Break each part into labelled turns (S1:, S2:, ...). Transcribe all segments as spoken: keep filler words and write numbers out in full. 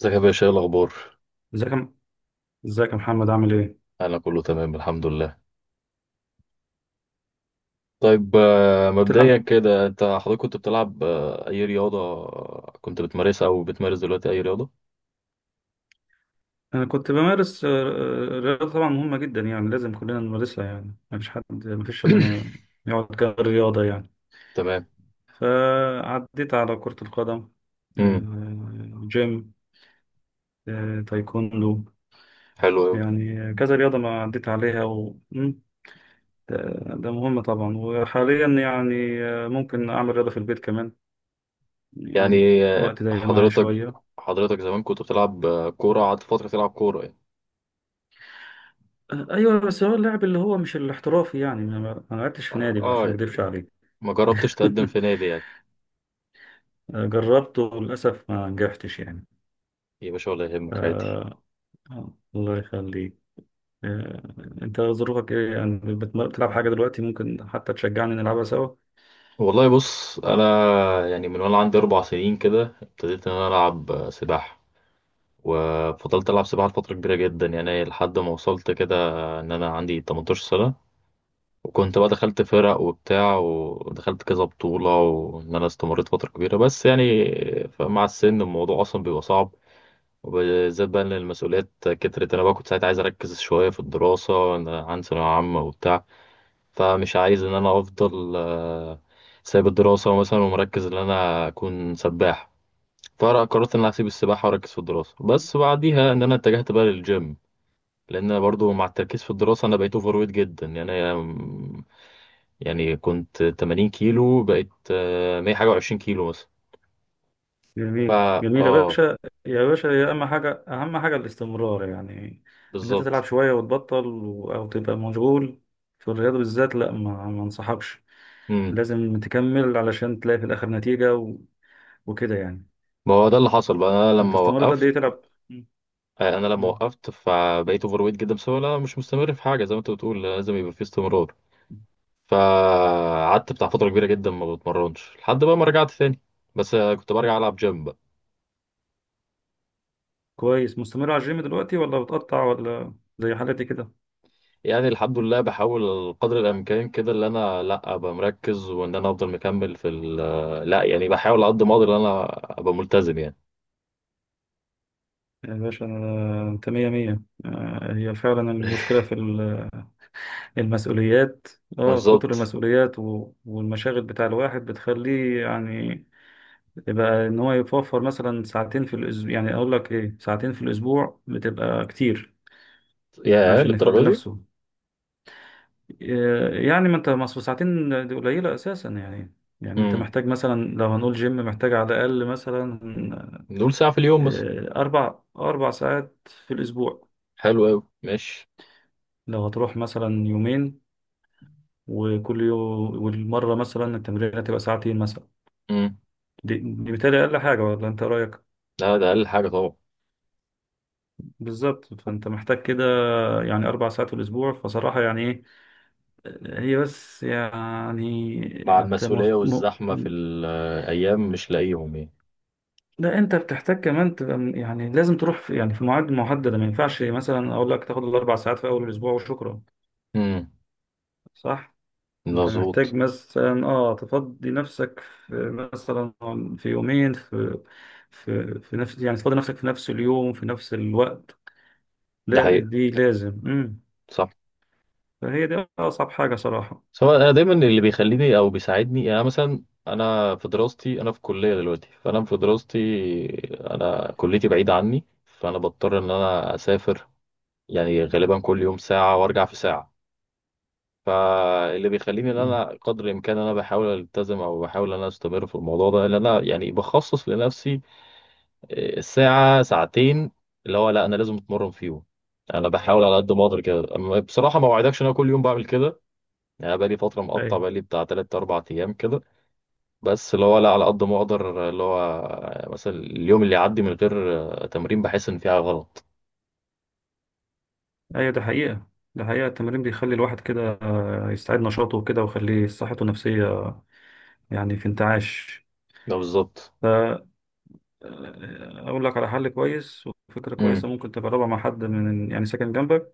S1: ازيك يا باشا؟ ايه الاخبار؟
S2: ازيك يا- ازيك يا محمد، عامل ايه؟
S1: انا كله تمام الحمد لله. طيب، آه، مبدئيا
S2: بتلعب؟
S1: كده انت حضرتك كنت بتلعب آه، اي رياضه؟ آه، كنت بتمارسها او بتمارس دلوقتي اي رياضه؟
S2: انا كنت بمارس آه، آه، رياضة طبعا مهمة جدا، يعني لازم كلنا نمارسها، يعني مفيش حد مفيش شباب يقعد كده غير رياضة يعني.
S1: تمام.
S2: فعديت على كرة القدم،
S1: امم،
S2: آه، جيم، آه، تايكوندو.
S1: حلو قوي.
S2: يعني كذا رياضة ما عديت عليها و... مم، ده ده مهم طبعا. وحاليا يعني آه، ممكن أعمل رياضة في البيت كمان، يعني
S1: يعني آه،
S2: الوقت ضيق معايا
S1: حضرتك
S2: شوية.
S1: حضرتك زمان كنت بتلعب آه، كوره، قعدت فتره تلعب كوره يعني؟
S2: ايوه بس هو اللاعب اللي هو مش الاحترافي، يعني انا ما ما لعبتش في
S1: اه،
S2: نادي بقى عشان
S1: آه،
S2: ما اكدبش عليك.
S1: ما جربتش تقدم في نادي يعني؟
S2: جربته وللاسف ما نجحتش يعني.
S1: يا باشا ولا
S2: ف...
S1: يهمك، عادي.
S2: الله يخليك. آه، انت ظروفك ايه؟ يعني بتم- بتلعب حاجه دلوقتي؟ ممكن حتى تشجعني نلعبها سوا.
S1: والله بص انا، يعني من وانا عندي اربع سنين كده ابتديت ان انا العب آه، سباحه، وفضلت ألعب سباحة لفترة كبيرة جدا يعني لحد ما وصلت كده إن أنا عندي 18 سنة. وكنت بقى دخلت فرق وبتاع ودخلت كذا بطولة وإن أنا استمريت فترة كبيرة، بس يعني مع السن الموضوع أصلا بيبقى صعب. وبالذات بقى إن المسؤوليات كترت، أنا بقى كنت ساعتها عايز أركز شوية في الدراسة إن أنا عندي ثانوية عامة وبتاع. فمش عايز إن أنا أفضل آه، سايب الدراسة مثلا ومركز إن أنا أكون سباح. فقرأ قررت ان انا هسيب السباحه واركز في الدراسه، بس بعديها ان انا اتجهت بقى للجيم، لان انا برضو مع التركيز في الدراسه انا بقيت اوفر ويت جدا، يعني أنا- يعني كنت 80 كيلو بقيت آه، 100 حاجه و20 كيلو مثلا.
S2: جميل
S1: فا
S2: جميل يا
S1: اه،
S2: باشا. يا باشا يا اما حاجه، اهم حاجه الاستمرار يعني، ان انت تلعب
S1: بالظبط.
S2: شويه وتبطل و- او تبقى مشغول. في الرياضه بالذات لا، ما ما انصحكش.
S1: امم
S2: لازم تكمل علشان تلاقي في الاخر نتيجه وكده يعني.
S1: ما هو ده اللي حصل بقى انا
S2: انت
S1: لما
S2: استمرت قد
S1: وقفت.
S2: ايه تلعب؟ مم.
S1: آه، انا لما
S2: مم.
S1: وقفت فبقيت اوفر ويت جدا بسبب إن انا مش مستمر في حاجه، زي ما انت بتقول لازم يبقى في استمرار. فقعدت بتاع فتره كبيره جدا ما بتمرنش لحد بقى ما رجعت تاني. بس آه، كنت برجع العب جيم.
S2: كويس، مستمر على الجيم دلوقتي ولا بتقطع ولا زي حالتي كده؟
S1: يعني الحمد لله بحاول قدر الامكان كده ان انا لا ابقى مركز وان انا افضل مكمل في ال آه، لا يعني بحاول على قد ما اقدر ان انا ابقى ملتزم يعني.
S2: يا باشا أنا- انت مية مية. آه، هي فعلا المشكلة في ال- المسؤوليات. اه كتر
S1: بالظبط.
S2: المسؤوليات و- والمشاغل بتاع الواحد بتخليه يعني، يبقى ان هو يوفر مثلا ساعتين في الاسبوع. يعني اقول لك ايه، ساعتين في الاسبوع بتبقى كتير
S1: يا
S2: عشان يفضي
S1: للدرجه دي.
S2: نفسه. آه، يعني ما انت، ما أصل ساعتين دي قليلة اساسا يعني. يعني انت
S1: امم
S2: محتاج مثلا لو هنقول جيم، محتاج على الاقل مثلا
S1: نقول ساعه في اليوم مثلا.
S2: آه، اربع اربع ساعات في الاسبوع.
S1: حلو قوي، ماشي.
S2: لو هتروح مثلا يومين، وكل يوم والمرة مثلا التمرين هتبقى ساعتين مثلا.
S1: امم.
S2: دي, دي بالتالي اقل حاجة، ولا انت رأيك؟
S1: لا ده اقل حاجه طبعا.
S2: بالظبط، فانت محتاج كده يعني اربع ساعات في الاسبوع، فصراحة يعني ايه، هي بس يعني
S1: مع
S2: انت.
S1: المسؤوليه والزحمه في الايام مش لاقيهم يعني.
S2: لا انت بتحتاج كمان تبقى من- يعني لازم تروح في، يعني في مواعيد محدده، ما ينفعش مثلا اقول لك تاخد الاربع ساعات في اول الاسبوع وشكرا،
S1: امم،
S2: صح؟ انت محتاج
S1: مظبوط.
S2: مثلا اه تفضي نفسك في مثلا، في يومين، في في في نفس، يعني تفضي نفسك في نفس اليوم في نفس الوقت.
S1: ده
S2: لا
S1: حقيقه.
S2: دي لازم. امم.
S1: صح.
S2: فهي دي اصعب حاجه صراحه.
S1: بس هو انا دايما اللي بيخليني او بيساعدني، يعني أنا مثلا انا في دراستي، انا في كليه دلوقتي، فانا في دراستي انا كليتي بعيده عني فانا بضطر ان انا اسافر، يعني غالبا كل يوم ساعه وارجع في ساعه. فاللي بيخليني ان انا
S2: امم.
S1: قدر الامكان انا بحاول التزم او بحاول ان انا استمر في الموضوع ده، ان انا يعني بخصص لنفسي آه، ساعه ساعتين اللي هو لا انا لازم اتمرن فيهم. انا بحاول على قد ما اقدر كده، أما بصراحه ما اوعدكش ان انا كل يوم بعمل كده. يعني أنا بقالي فترة مقطع،
S2: ايوه،
S1: بقالي بتاع تلات أربع أيام كده، بس اللي هو لا على قد ما أقدر اللي هو مثلا اليوم اللي يعدي من غير آه، تمرين بحس إن في حاجة غلط.
S2: ايوه، ده حقيقه. ده حقيقه، التمرين بيخلي الواحد كده آه، يستعيد نشاطه وكده، ويخليه صحته النفسيه، يعني في انتعاش.
S1: ده بالظبط.
S2: اقول لك على حل كويس وفكره
S1: امم.
S2: كويسه، ممكن تجربها مع حد من يعني ساكن جنبك،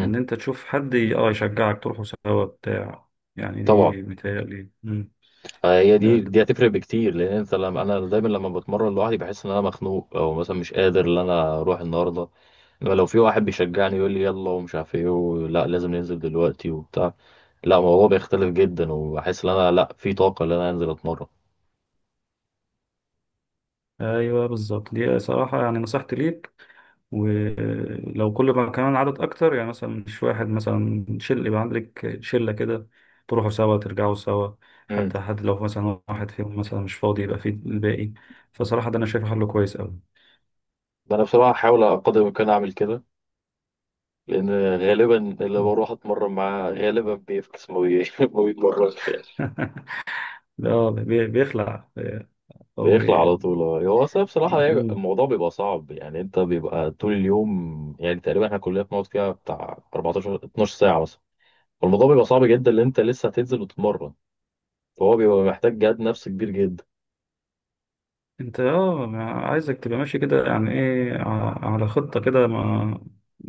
S2: ان انت تشوف حد ي- اه يشجعك تروحوا سوا بتاع. يعني
S1: طبعا.
S2: دي متهيألي. مم.
S1: آه، هي
S2: ده,
S1: دي
S2: ده
S1: دي هتفرق بكتير، لأن أنت لما أنا دايما لما بتمرن لوحدي بحس إن أنا مخنوق، أو مثلا مش قادر إن أنا أروح النهاردة. إنما لو في واحد بيشجعني يقول لي يلا ومش عارف إيه ولا لازم ننزل دلوقتي وبتاع، لا الموضوع بيختلف جدا وبحس إن أنا لا في طاقة إن أنا أنزل أتمرن.
S2: ايوه، بالظبط، دي صراحه يعني نصيحتي ليك. ولو كل ما كمان عدد اكتر، يعني مثلا مش واحد مثلا، شل يبقى عندك شله كده، تروحوا سوا ترجعوا سوا. حتى حد لو مثلا واحد فيهم مثلا مش فاضي يبقى في الباقي. فصراحه ده انا شايفه حل كويس قوي.
S1: ده انا بصراحه هحاول على قدر الامكان اعمل كده، لان غالبا اللي بروح اتمرن معاه غالبا بيفكس ما بي- ما بيتمرنش يعني.
S2: لا، بي- بيخلع أو.
S1: بيخلع على طول، آه. هو أصل بصراحه يعني
S2: مم.
S1: الموضوع بيبقى صعب، يعني انت بيبقى طول اليوم يعني تقريبا احنا كلنا بنقعد فيها بتاع اربعتاشر 12 ساعه مثلا. والموضوع بيبقى صعب جدا ان انت لسه هتنزل وتتمرن، فهو بيبقى محتاج جهد نفسي كبير جدا.
S2: أنت أه ما- عايزك تبقى ماشي كده يعني إيه ع- على خطة كده، ما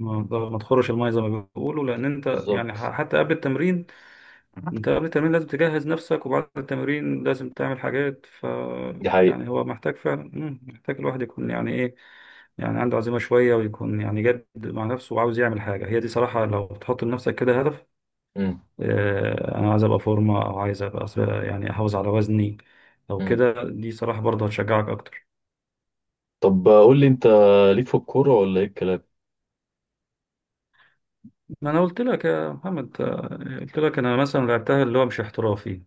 S2: ما ما تخرش المية زي ما بيقولوا، لأن أنت يعني ح-
S1: بالظبط،
S2: حتى قبل التمرين، أنت قبل التمرين لازم تجهز نفسك، وبعد التمرين لازم تعمل حاجات ف...
S1: دي حقيقه.
S2: يعني هو محتاج فعلا مم، محتاج الواحد يكون يعني إيه، يعني عنده عزيمة شوية، ويكون يعني جد مع نفسه وعاوز يعمل حاجة. هي دي صراحة لو تحط لنفسك كده هدف،
S1: امم.
S2: آه، انا عايز ابقى فورمه، او عايز ابقى أص- يعني احافظ على وزني او
S1: امم.
S2: كده، دي صراحه برضه هتشجعك اكتر.
S1: طب قول لي انت، ليك في الكوره ولا ايه الكلام؟
S2: ما انا قلت لك يا محمد، آه، قلت لك انا مثلا لعبتها اللي هو مش احترافي.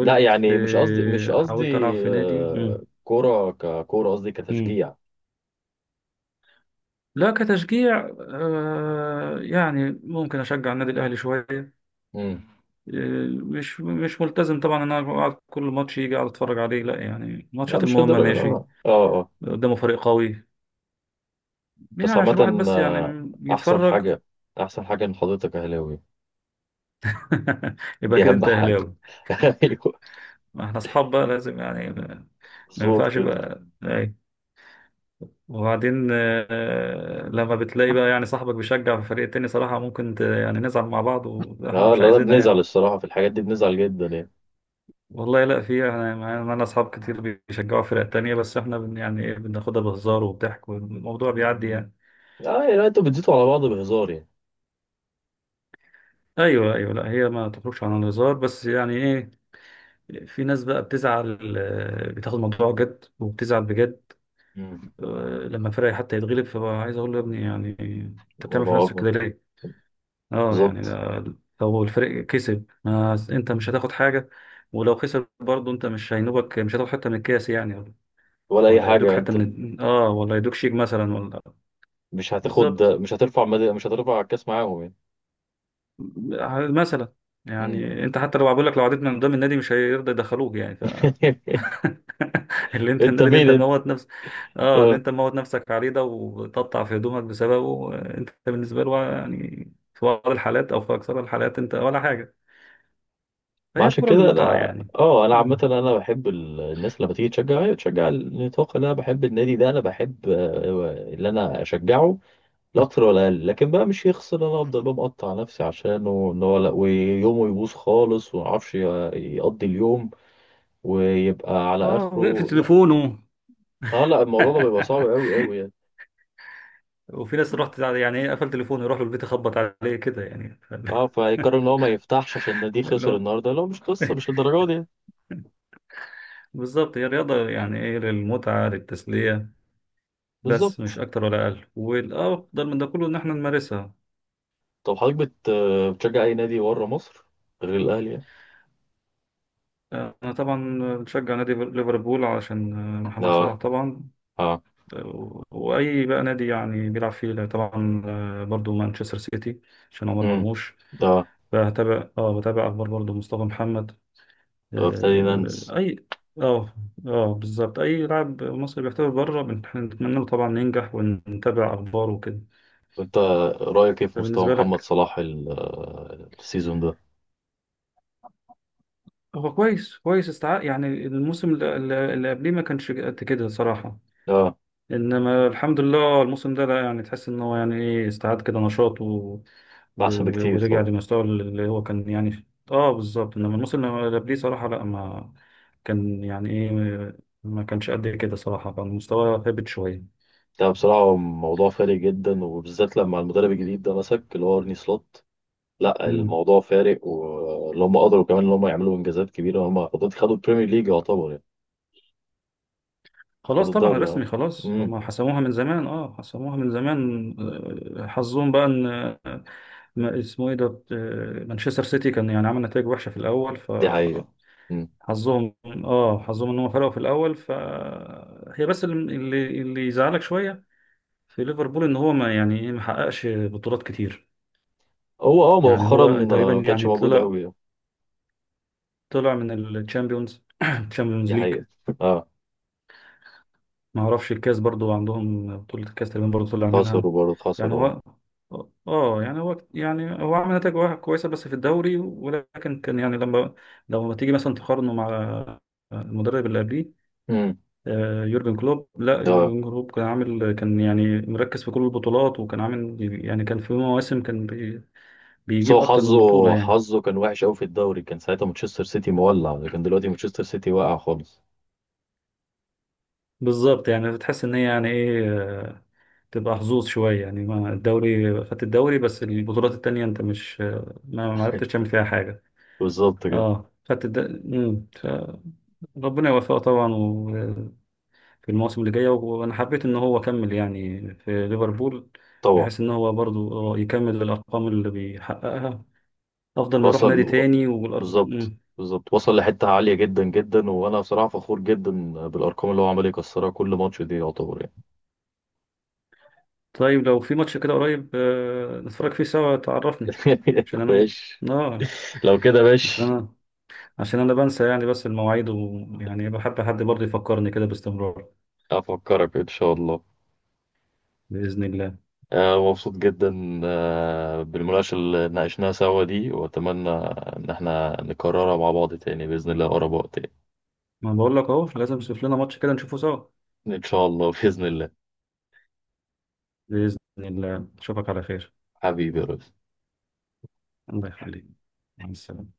S1: لا يعني مش قصدي مش
S2: آه، حاولت العب
S1: قصدي
S2: في نادي. مم.
S1: آه، كرة ككرة، قصدي
S2: مم.
S1: كتشجيع.
S2: لا كتشجيع، آه، يعني ممكن اشجع النادي الاهلي شويه.
S1: امم.
S2: آه، مش مش ملتزم طبعا ان انا أقعد كل ماتش يجي اقعد اتفرج عليه، لا يعني.
S1: لا
S2: الماتشات
S1: مش
S2: المهمه
S1: للدرجة،
S2: ماشي،
S1: اه اه اه.
S2: قدامه فريق قوي، يعني
S1: بس
S2: عشان الواحد
S1: عامة
S2: بس
S1: آه،
S2: يعني
S1: أحسن
S2: يتفرج.
S1: حاجة، أحسن حاجة إن حضرتك أهلاوي.
S2: يبقى
S1: دي
S2: كده
S1: أهم
S2: انت
S1: حاجة.
S2: اهلاوي.
S1: أيوه.
S2: ما احنا اصحاب بقى لازم يعني، ما ما
S1: مظبوط
S2: ينفعش
S1: كده.
S2: بقى اي. وبعدين آه، لما بتلاقي بقى يعني صاحبك بيشجع في فريق تاني صراحة ممكن ت- يعني نزعل مع بعض واحنا
S1: اه
S2: مش
S1: لا لا،
S2: عايزينها
S1: بنزعل
S2: يعني.
S1: الصراحة في الحاجات دي بنزعل جدا يعني.
S2: والله لا، في احنا معانا اصحاب كتير بيشجعوا فرق تانية، بس احنا بن يعني ايه بناخدها بهزار وبضحك والموضوع بيعدي يعني.
S1: اه يعني انتوا بتزيتوا على بعض بهزار يعني؟
S2: ايوه ايوه، لا هي ما تخرجش عن الهزار بس يعني ايه، في ناس بقى بتزعل، آه، بتاخد الموضوع جد وبتزعل بجد.
S1: مم.
S2: لما فرقي حتى يتغلب فبقى عايز اقول له يا ابني يعني، انت بتعمل في
S1: الموضوع
S2: نفسك
S1: أكبر.
S2: كده ليه؟ اه يعني
S1: بالظبط.
S2: ده، لو الفريق كسب ما انت مش هتاخد حاجه، ولو خسر برضه انت مش هينوبك، مش هتاخد حته من الكاس يعني،
S1: ولا أي
S2: ولا يدوك
S1: حاجة.
S2: حته
S1: انت
S2: من اه، ولا يدوك شيك مثلا ولا.
S1: مش هتاخد،
S2: بالظبط.
S1: مش هترفع مد... مش هترفع الكاس معاهم يعني.
S2: مثلا،
S1: مم.
S2: يعني انت حتى لو بقول لك، لو عديت من قدام النادي مش هيرضى يدخلوك يعني. اللي انت،
S1: انت
S2: النادي اللي
S1: مين
S2: انت
S1: انت؟
S2: موت نفسك، اه اللي
S1: آه.
S2: انت موت نفسك عليه ده وتقطع في هدومك بسببه، آه، انت بالنسبه له يعني، في بعض الحالات او في اكثر الحالات، انت ولا حاجه.
S1: ما
S2: فهي
S1: عشان
S2: الكره
S1: كده
S2: المتعه
S1: انا
S2: يعني.
S1: اه انا عامه
S2: مم.
S1: انا بحب ال- الناس لما تيجي تشجع هي تشجع النطاق، اللي انا بحب النادي ده، انا بحب آه، اللي انا اشجعه. لا اكتر ولا اقل، لكن بقى مش يخسر إن انا افضل بقى مقطع نفسي عشانه ان هو لا، ويومه يبوظ خالص وما اعرفش ي- يقضي اليوم ويبقى على
S2: اه وقف
S1: اخره، لا.
S2: تليفونه.
S1: اه لا الموضوع ده بيبقى صعب قوي قوي يعني.
S2: وفي ناس رحت يعني ايه قفل تليفونه، يروح له البيت يخبط عليه كده يعني.
S1: اه، فيقرر ان هو ما يفتحش عشان النادي
S2: اللي
S1: خسر
S2: هو
S1: النهارده، لا مش قصه مش الدرجه دي يعني.
S2: بالظبط، هي رياضة يعني ايه، للمتعة، للتسلية، بس مش
S1: بالظبط.
S2: أكتر ولا أقل، والأفضل من ده كله إن احنا نمارسها.
S1: طب حضرتك بت- بتشجع اي نادي بره مصر غير الاهلي يعني؟
S2: أنا طبعا بشجع نادي ليفربول علشان آه، محمد صلاح
S1: اه.
S2: طبعا،
S1: اه.
S2: وأي بقى نادي يعني بيلعب فيه طبعا، آه، برضو مانشستر سيتي عشان عمر
S1: امم.
S2: مرموش.
S1: ده
S2: بتابع اه بتابع أخبار برضو مصطفى محمد.
S1: فيرتينانز.
S2: آه، أي اه اه، بالظبط، أي لاعب مصري بيحترف بره بنتمنى له طبعا ينجح، ونتابع أخباره وكده.
S1: وانت رايك ايه في مستوى
S2: بالنسبة
S1: محمد
S2: لك،
S1: صلاح ال- آه، السيزون ده؟
S2: هو كويس كويس، استع يعني الموسم اللي اللي- اللي قبليه ما كانش قد كده صراحة.
S1: اه،
S2: انما الحمد لله الموسم ده لا، يعني تحس ان هو يعني ايه استعاد كده نشاط و... و...
S1: احسن
S2: و-
S1: بكتير
S2: ورجع
S1: طبعا.
S2: لمستوى اللي هو كان يعني في- اه بالظبط. انما الموسم اللي قبليه صراحة لا، ما كان يعني ايه، ما كانش قد كده صراحة، كان مستواه هبط شوية.
S1: ده بصراحه موضوع فارق جدا، وبالذات لما المدرب الجديد ده مسك، اللي هو ارني سلوت. لا
S2: مم.
S1: الموضوع فارق، واللي هم قدروا كمان ان هم يعملوا انجازات كبيره، هم خدوا خدوا البريمير ليج يعتبر يعني.
S2: خلاص
S1: خدوا
S2: طبعا
S1: الدوري اه.
S2: رسمي خلاص،
S1: امم.
S2: هما حسموها من زمان، اه حسموها من زمان. آه، حظهم بقى ان آه، ما اسمه ايه ده، آه، مانشستر سيتي كان يعني عمل نتائج وحشة في الاول ف...
S1: دي حقيقه. امم.
S2: حظهم اه حظهم ان هم فرقوا في الاول، فهي بس اللي اللي اللي يزعلك شويه في ليفربول، ان هو ما يعني ايه ما حققش بطولات كتير.
S1: هو اه
S2: يعني
S1: مؤخرا
S2: هو تقريبا
S1: آه، ما كانش
S2: يعني
S1: موجود
S2: طلع
S1: قوي.
S2: طلع من الشامبيونز الشامبيونز
S1: دي
S2: ليج.
S1: حقيقه. اه
S2: ما اعرفش الكاس برضو، عندهم بطوله الكاس تقريبا برضو طلع منها.
S1: خسروا برضه
S2: يعني
S1: خسروا اه.
S2: هو اه يعني هو يعني هو عمل نتائج واحد كويسه بس في الدوري، ولكن كان يعني لما لما تيجي مثلا تقارنه مع المدرب اللي قبليه،
S1: امم.
S2: آه، يورجن كلوب. لا
S1: اه
S2: يورجن كلوب كان عامل، كان يعني مركز في كل البطولات، وكان عامل يعني كان في مواسم كان بي-
S1: بس هو
S2: بيجيب اكتر من بطولة
S1: حظه
S2: يعني.
S1: حظه كان وحش قوي في الدوري، كان ساعتها مانشستر سيتي مولع، لكن دلوقتي مانشستر سيتي واقع خالص.
S2: بالظبط، يعني بتحس ان هي يعني ايه آه، تبقى حظوظ شوية، يعني ما الدوري، خدت الدوري، بس البطولات التانية انت مش، آه، ما ما عرفتش تعمل فيها حاجة.
S1: بالظبط كده.
S2: اه خدت الد... مم. ف- ربنا يوفقه طبعا و- في المواسم اللي جاية، و- وانا حبيت ان هو كمل يعني في ليفربول،
S1: طبعا.
S2: بحيث ان هو برضو يكمل الارقام اللي بيحققها، افضل ما يروح نادي
S1: وصل.
S2: تاني والأرهب.
S1: بالظبط
S2: مم.
S1: بالظبط، وصل لحتة عالية جدا جدا، وانا بصراحة فخور جدا بالارقام اللي هو عمال يكسرها كل ماتش، دي يعتبر يعني.
S2: طيب لو في ماتش كده قريب، آه، نتفرج فيه سوا تعرفني، عشان انا
S1: ماشي.
S2: اه،
S1: لو كده
S2: عشان
S1: ماشي.
S2: انا عشان انا بنسى يعني بس المواعيد، ويعني بحب حد برضه يفكرني كده باستمرار.
S1: افكرك ان شاء الله.
S2: بإذن الله.
S1: آه مبسوط جدا آه بالمناقشة اللي ناقشناها سوا دي، واتمنى ان احنا نكررها مع بعض تاني بإذن الله اقرب وقت يعني.
S2: ما بقول لك اهو، لازم نشوف لنا ماتش كده نشوفه سوا.
S1: ان شاء الله بإذن الله.
S2: بإذن الله اشوفك على خير.
S1: حبيبي يا رب.
S2: الله يخليك، مع السلامة.